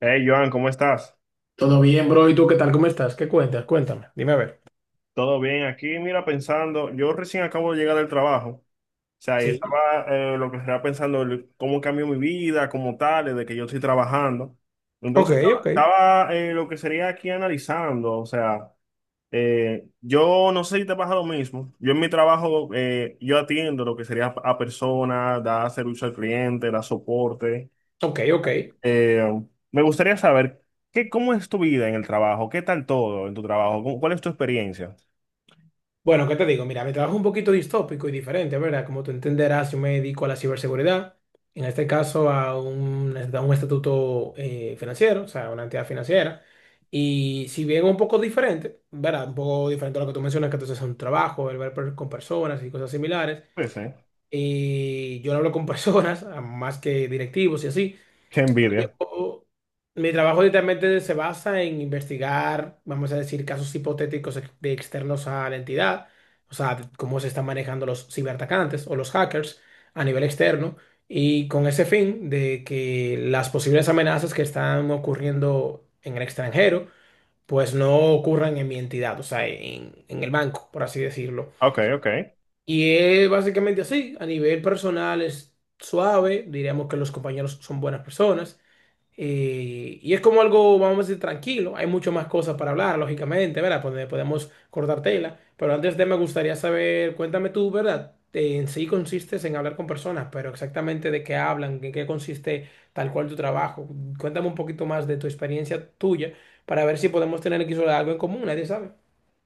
Hey, Joan, ¿cómo estás? Todo bien, bro. ¿Y tú qué tal? ¿Cómo estás? ¿Qué cuentas? Cuéntame. Dime a ver. ¿Todo bien? Aquí, mira, pensando, yo recién acabo de llegar del trabajo, o sea, y Sí. estaba lo que estaba pensando, cómo cambió mi vida como tal, desde que yo estoy trabajando. Ok, Entonces, estaba, ok. estaba, eh, lo que sería aquí analizando, o sea, yo no sé si te pasa lo mismo, yo en mi trabajo, yo atiendo lo que sería a personas, da servicio al cliente, da soporte. Ok, ok. Eh, Me gustaría saber, ¿qué, cómo es tu vida en el trabajo? ¿Qué tal todo en tu trabajo? ¿Cuál es tu experiencia? Bueno, ¿qué te digo? Mira, mi trabajo es un poquito distópico y diferente, ¿verdad? Como tú entenderás, yo me dedico a la ciberseguridad. En este caso, a un estatuto financiero, o sea, una entidad financiera. Y si bien un poco diferente, ¿verdad? Un poco diferente a lo que tú mencionas, que entonces es un trabajo, el con personas y cosas similares. Sí, sí. Y yo no hablo con personas, más que directivos y así. Qué envidia. Yo- Mi trabajo literalmente se basa en investigar, vamos a decir, casos hipotéticos de externos a la entidad, o sea, de cómo se están manejando los ciberatacantes o los hackers a nivel externo, y con ese fin de que las posibles amenazas que están ocurriendo en el extranjero, pues no ocurran en mi entidad, o sea, en el banco, por así decirlo. Ok, ok. Y es básicamente así, a nivel personal es suave, diríamos que los compañeros son buenas personas. Y es como algo, vamos a decir, tranquilo. Hay mucho más cosas para hablar, lógicamente, ¿verdad? Pues, podemos cortar tela. Pero antes de me gustaría saber, cuéntame tú, ¿verdad? En sí consistes en hablar con personas, pero exactamente de qué hablan, en qué consiste tal cual tu trabajo. Cuéntame un poquito más de tu experiencia tuya para ver si podemos tener aquí sobre algo en común, nadie sabe.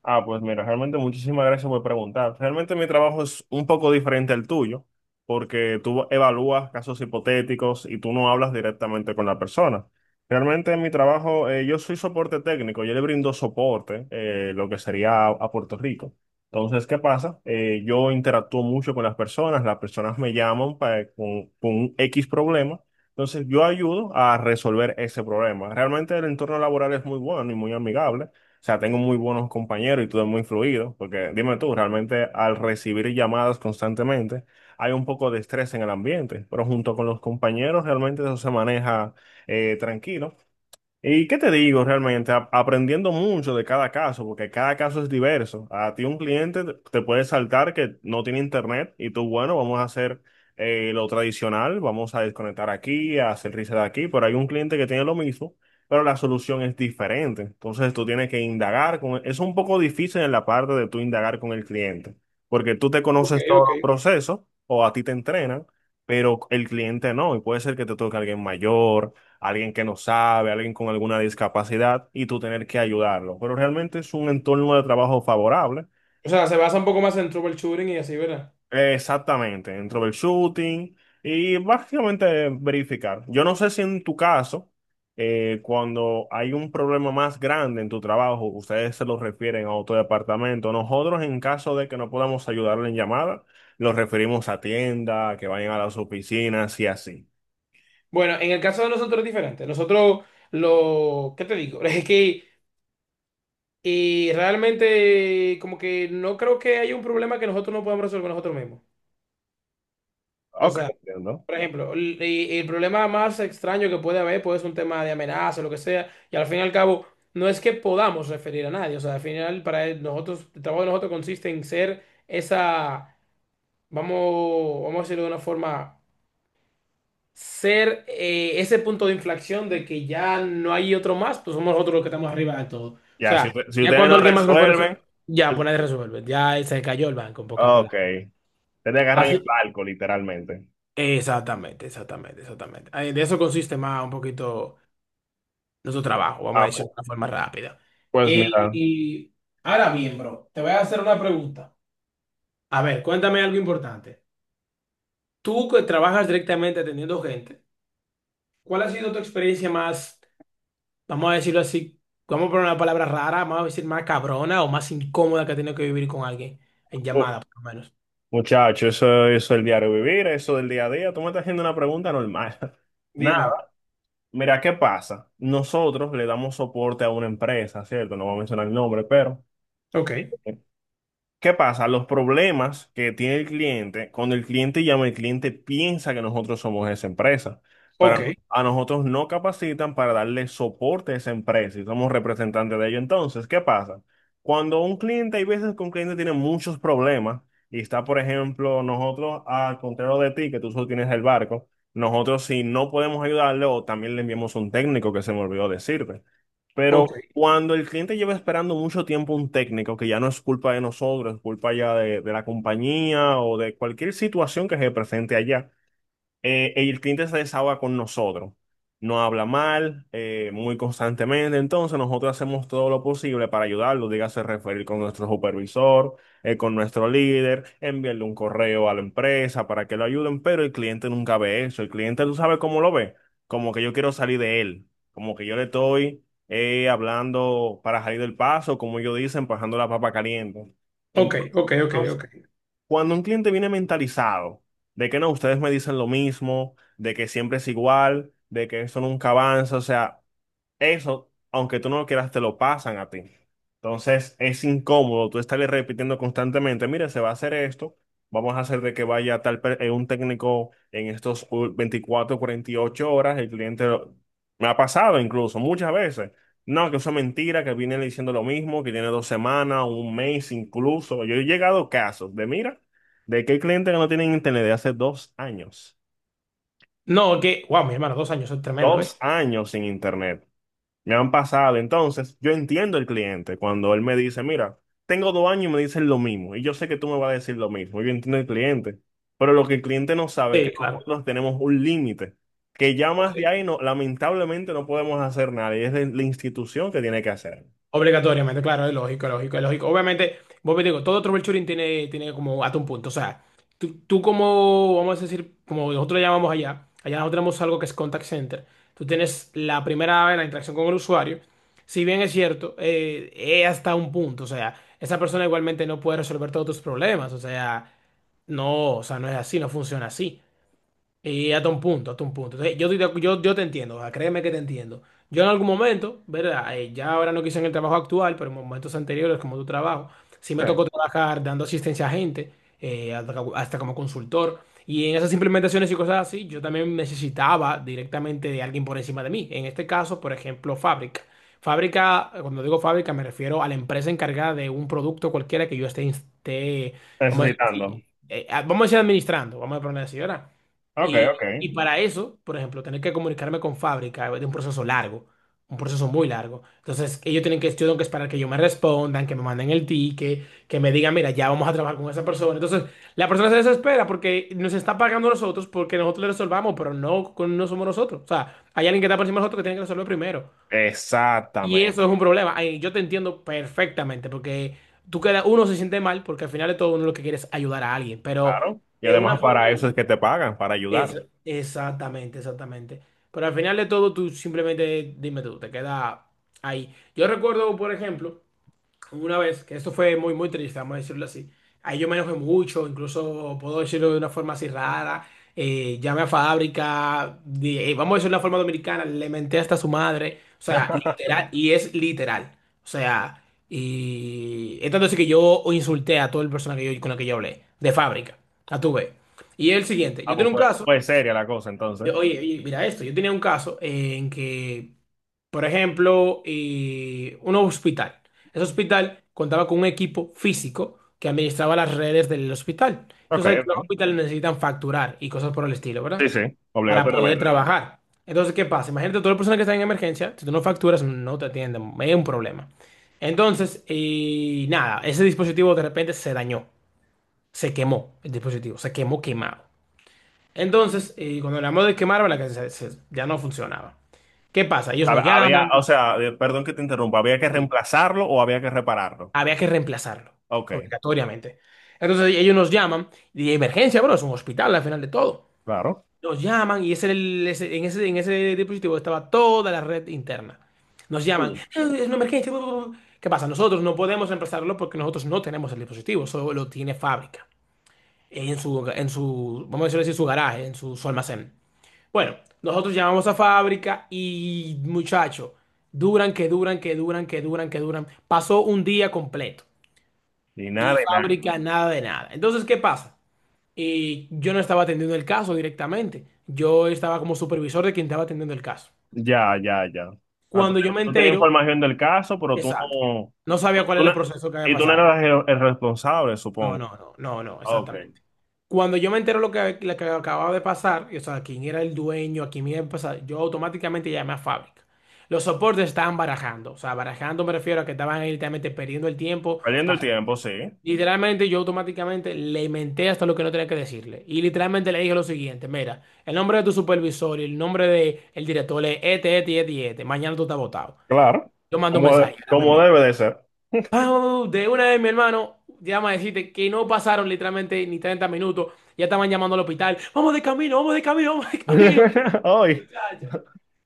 Ah, pues mira, realmente muchísimas gracias por preguntar. Realmente mi trabajo es un poco diferente al tuyo, porque tú evalúas casos hipotéticos y tú no hablas directamente con la persona. Realmente en mi trabajo, yo soy soporte técnico, yo le brindo soporte, lo que sería a Puerto Rico. Entonces, ¿qué pasa? Yo interactúo mucho con las personas me llaman con un X problema, entonces yo ayudo a resolver ese problema. Realmente el entorno laboral es muy bueno y muy amigable. O sea, tengo muy buenos compañeros y tú eres muy fluido, porque dime tú, realmente al recibir llamadas constantemente hay un poco de estrés en el ambiente, pero junto con los compañeros realmente eso se maneja tranquilo. ¿Y qué te digo realmente? A- aprendiendo mucho de cada caso, porque cada caso es diverso. A ti un cliente te puede saltar que no tiene internet y tú, bueno, vamos a hacer lo tradicional, vamos a desconectar aquí, a hacer reset aquí, pero hay un cliente que tiene lo mismo, pero la solución es diferente. Entonces tú tienes que indagar con... Es un poco difícil en la parte de tú indagar con el cliente, porque tú te Ok, conoces todos ok. los procesos o a ti te entrenan, pero el cliente no, y puede ser que te toque alguien mayor, alguien que no sabe, alguien con alguna discapacidad y tú tener que ayudarlo. Pero realmente es un entorno de trabajo favorable. O sea, se basa un poco más en troubleshooting y así, ¿verdad? Exactamente, dentro del shooting y básicamente verificar. Yo no sé si en tu caso, cuando hay un problema más grande en tu trabajo, ustedes se lo refieren a otro departamento. Nosotros, en caso de que no podamos ayudarle en llamada, los referimos a tienda, que vayan a las oficinas y así. Bueno, en el caso de nosotros es diferente. Nosotros, ¿qué te digo? Es que y realmente, como que no creo que haya un problema que nosotros no podamos resolver nosotros mismos. O Ok, sea, entiendo. por ejemplo, y el problema más extraño que puede haber puede ser un tema de amenaza, lo que sea, y al fin y al cabo, no es que podamos referir a nadie. O sea, al final, nosotros, el trabajo de nosotros consiste en ser esa, vamos a decirlo de una forma. Ser ese punto de inflexión de que ya no hay otro más, pues somos nosotros los que estamos arriba de todo. O Ya, si, sea, si ya ustedes cuando no alguien más no, claro, puede resolver, resuelven. ya pues nadie resuelve, ya se cayó el banco, en pocas Ok, palabras. te agarran el Así, barco, literalmente. exactamente, exactamente, exactamente. Ay, de eso consiste más un poquito nuestro trabajo, vamos a Ah, decirlo pu- de una forma rápida. pues y mira, y ahora bien, bro, te voy a hacer una pregunta. A ver, cuéntame algo importante. Tú que trabajas directamente atendiendo gente, ¿cuál ha sido tu experiencia más vamos a decirlo así, vamos a poner una palabra rara, vamos a decir más cabrona o más incómoda que ha tenido que vivir con alguien en pu- llamada, por lo menos? muchacho, eso es el diario vivir, eso del día a día. Tú me estás haciendo una pregunta normal. Dime a ver. Nada, mira, ¿qué pasa? Nosotros le damos soporte a una empresa, ¿cierto? No voy a mencionar el nombre, pero Ok, ¿qué pasa? Los problemas que tiene el cliente, cuando el cliente llama, el cliente piensa que nosotros somos esa empresa, ok, pero a nosotros no capacitan para darle soporte a esa empresa y somos representantes de ello. Entonces, ¿qué pasa? Cuando un cliente, hay veces que un cliente tiene muchos problemas y está, por ejemplo, nosotros, al contrario de ti, que tú solo tienes el barco, nosotros si no podemos ayudarle o también le enviamos un técnico que se me olvidó decirte. ok, Pero cuando el cliente lleva esperando mucho tiempo un técnico, que ya no es culpa de nosotros, es culpa ya de la compañía o de cualquier situación que se presente allá, y el cliente se desahoga con nosotros, no habla mal, muy constantemente, entonces nosotros hacemos todo lo posible para ayudarlo, dígase referir con nuestro supervisor, con nuestro líder, enviarle un correo a la empresa para que lo ayuden, pero el cliente nunca ve eso, el cliente tú sabes cómo lo ve, como que yo quiero salir de él, como que yo le estoy hablando para salir del paso, como ellos dicen, pasando la papa caliente. ok, Entonces, ok, ok, ok. cuando un cliente viene mentalizado de que no, ustedes me dicen lo mismo, de que siempre es igual, de que eso nunca avanza, o sea, eso, aunque tú no lo quieras, te lo pasan a ti. Entonces es incómodo tú estarle repitiendo constantemente, mira, se va a hacer esto, vamos a hacer de que vaya un técnico en estos 24, 48 horas, me ha pasado incluso muchas veces. No, que eso es mentira, que viene diciendo lo mismo, que tiene 2 semanas, un mes incluso. Yo he llegado a casos de, mira, de que hay clientes que no tienen internet de hace 2 años. No, que, wow, mi hermano, 2 años, eso es tremendo, ¿eh? 2 años sin internet. Me han pasado. Entonces, yo entiendo el cliente cuando él me dice, mira, tengo 2 años y me dicen lo mismo. Y yo sé que tú me vas a decir lo mismo. Yo entiendo el cliente. Pero lo que el cliente no sabe es que Sí, claro. nosotros tenemos un límite. Que ya más Ok. de ahí, no, lamentablemente, no podemos hacer nada. Y es la institución que tiene que hacer. Obligatoriamente, claro, es lógico, es lógico, es lógico. Obviamente, vos me digo, todo troubleshooting tiene como hasta un punto. O sea, tú como, vamos a decir, como nosotros lo llamamos allá, nosotros tenemos algo que es contact center. Tú tienes la primera vez la interacción con el usuario. Si bien es cierto, es hasta un punto. O sea, esa persona igualmente no puede resolver todos tus problemas. O sea, no es así, no funciona así. Y hasta un punto, hasta un punto. Entonces, yo, estoy de acu- yo te entiendo, o sea, créeme que te entiendo. Yo en algún momento, ¿verdad? Ya ahora no quise en el trabajo actual, pero en momentos anteriores, como tu trabajo, sí me Sí, tocó trabajar dando asistencia a gente, hasta como consultor. Y en esas implementaciones y cosas así, yo también necesitaba directamente de alguien por encima de mí. En este caso, por ejemplo, fábrica. Fábrica, cuando digo fábrica, me refiero a la empresa encargada de un producto cualquiera que yo esté, vamos a decir, necesitando. así, vamos a decir administrando, vamos a poner así, ¿verdad? Ok, Y, ok. y para eso, por ejemplo, tener que comunicarme con fábrica es un proceso largo, un proceso muy largo. Entonces, ellos tienen que, yo tengo que esperar que yo me respondan, que me manden el ticket, que me digan, mira, ya vamos a trabajar con esa persona. Entonces, la persona se desespera porque nos está pagando a nosotros porque nosotros le resolvamos, pero no, no somos nosotros. O sea, hay alguien que está por encima de nosotros que tiene que resolver primero. Y Exactamente. eso es un problema. Ay, yo te entiendo perfectamente porque tú queda, uno se siente mal porque al final de todo uno lo que quiere es ayudar a alguien, pero Claro. Y de una además forma para u eso es que otra. te pagan, para Es, ayudar. exactamente, exactamente. Pero al final de todo, tú simplemente dime tú, te queda ahí. Yo recuerdo, por ejemplo, una vez, que esto fue muy, muy triste, vamos a decirlo así. Ahí yo me enojé mucho, incluso puedo decirlo de una forma así rara. Llamé a fábrica, vamos a decirlo de una forma dominicana, le menté hasta a su madre. O sea, literal, y es literal. O sea, y es tanto así que yo insulté a todo el personal con la que yo hablé, de fábrica. A tu vez. Y es el siguiente, Ah, yo pues, tengo un pues, caso. pues seria la cosa entonces. Oye, oye, mira esto, yo tenía un caso en que, por ejemplo, un hospital. Ese hospital contaba con un equipo físico que administraba las redes del hospital. Ok, Entonces, hay que los ok. hospitales necesitan facturar y cosas por el estilo, Sí, ¿verdad? sí, Para poder obligatoriamente. trabajar. Entonces, ¿qué pasa? Imagínate, todas las personas que están en emergencia, si tú no facturas, no te atienden, es un problema. Entonces, nada, ese dispositivo de repente se dañó, se quemó, el dispositivo, se quemó quemado. Entonces, cuando hablamos de quemarlo, la casa se- se- ya no funcionaba. ¿Qué pasa? Ellos nos Había, llaman, o sea, perdón que te interrumpa, ¿había que reemplazarlo o había que repararlo? había que reemplazarlo, Ok, obligatoriamente. Entonces ellos nos llaman, y de emergencia, bueno, es un hospital al final de todo. claro. Nos llaman y ese, era el- ese- en ese, en ese dispositivo estaba toda la red interna. Nos llaman, Uy. Es una emergencia. Bu, bu, bu". ¿Qué pasa? Nosotros no podemos reemplazarlo porque nosotros no tenemos el dispositivo, solo lo tiene fábrica. En su, vamos a decirlo así, su garaje, en su almacén. Bueno, nosotros llamamos a fábrica y muchachos, duran, que duran, que duran, que duran, que duran. Pasó un día completo Ni nada y de nada. fábrica nada de nada. Entonces, ¿qué pasa? Y yo no estaba atendiendo el caso directamente. Yo estaba como supervisor de quien estaba atendiendo el caso. Ya, ya, ya. O sea, tú, Cuando yo me tú tenías entero, información del caso, pero tú exacto, no, no tú- sabía cuál tú era no- el proceso que había y tú no pasado. eras el responsable, No, supongo. no, no, no, no, Ok. exactamente. Cuando yo me entero lo que acababa de pasar, y, o sea, quién era el dueño, a quién iba a pasar, yo automáticamente llamé a fábrica. Los soportes estaban barajando, o sea, barajando me refiero a que estaban ahí literalmente perdiendo el tiempo Perdiendo para… el tiempo, sí. Literalmente yo automáticamente le inventé hasta lo que no tenía que decirle. Y literalmente le dije lo siguiente, mira, el nombre de tu supervisor y el nombre del director es este, este y este y este. Mañana tú estás votado. Claro. Yo mando un Como, mensaje, como llámame, debe de ser. Pau, de una vez, mi hermano, llama a decirte que no pasaron literalmente ni 30 minutos. Ya estaban llamando al hospital. Vamos de camino, vamos de camino, vamos de camino, Hoy, muchacha.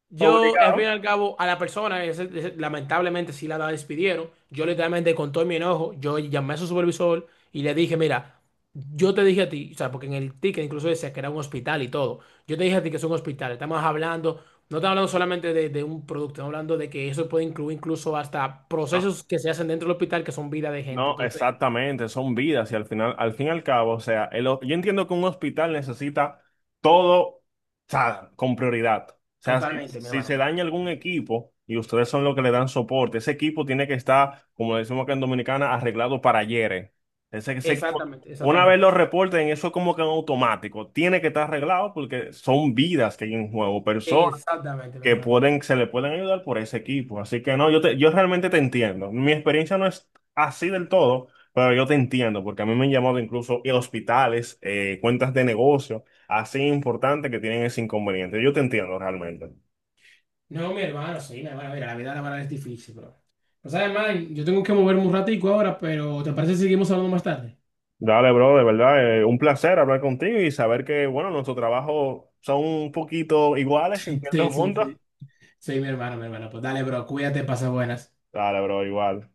Yo, al fin y obligado. al cabo, a la persona, lamentablemente sí la despidieron. Yo literalmente con todo mi enojo, yo llamé a su supervisor y le dije, mira, yo te dije a ti, o sea, porque en el ticket incluso decía que era un hospital y todo. Yo te dije a ti que es un hospital. No estamos hablando solamente de un producto, estamos hablando de que eso puede incluir incluso hasta No. procesos que se hacen dentro del hospital que son vida de gente. No, Entonces, exactamente, son vidas y al final, al fin y al cabo, o sea, el yo entiendo que un hospital necesita todo, o sea, con prioridad. O sea, si, totalmente, mi si se hermano. daña algún equipo y ustedes son los que le dan soporte, ese equipo tiene que estar, como decimos acá en Dominicana, arreglado para ayer. Eh. Ese equipo, Exactamente, una vez exactamente. lo reporten, eso como que en automático, tiene que estar arreglado porque son vidas que hay en juego, Exactamente, mi que hermano. pueden, se le pueden ayudar por ese equipo. Así que no, yo, yo realmente te entiendo. Mi experiencia no es así del todo, pero yo te entiendo, porque a mí me han llamado incluso y hospitales, cuentas de negocio, así importantes que tienen ese inconveniente. Yo te entiendo realmente. No, mi hermano, sí, mi hermano, mira, la vida laboral es difícil, bro. No sabes, man, yo tengo que moverme un ratico ahora, pero ¿te parece si seguimos hablando más tarde? Dale, bro, de verdad, un placer hablar contigo y saber que, bueno, nuestros trabajos son un poquito iguales en Sí, ciertos sí, puntos. sí. Sí, mi hermano, mi hermano. Pues dale, bro, cuídate, pasa buenas. Dale, bro, igual.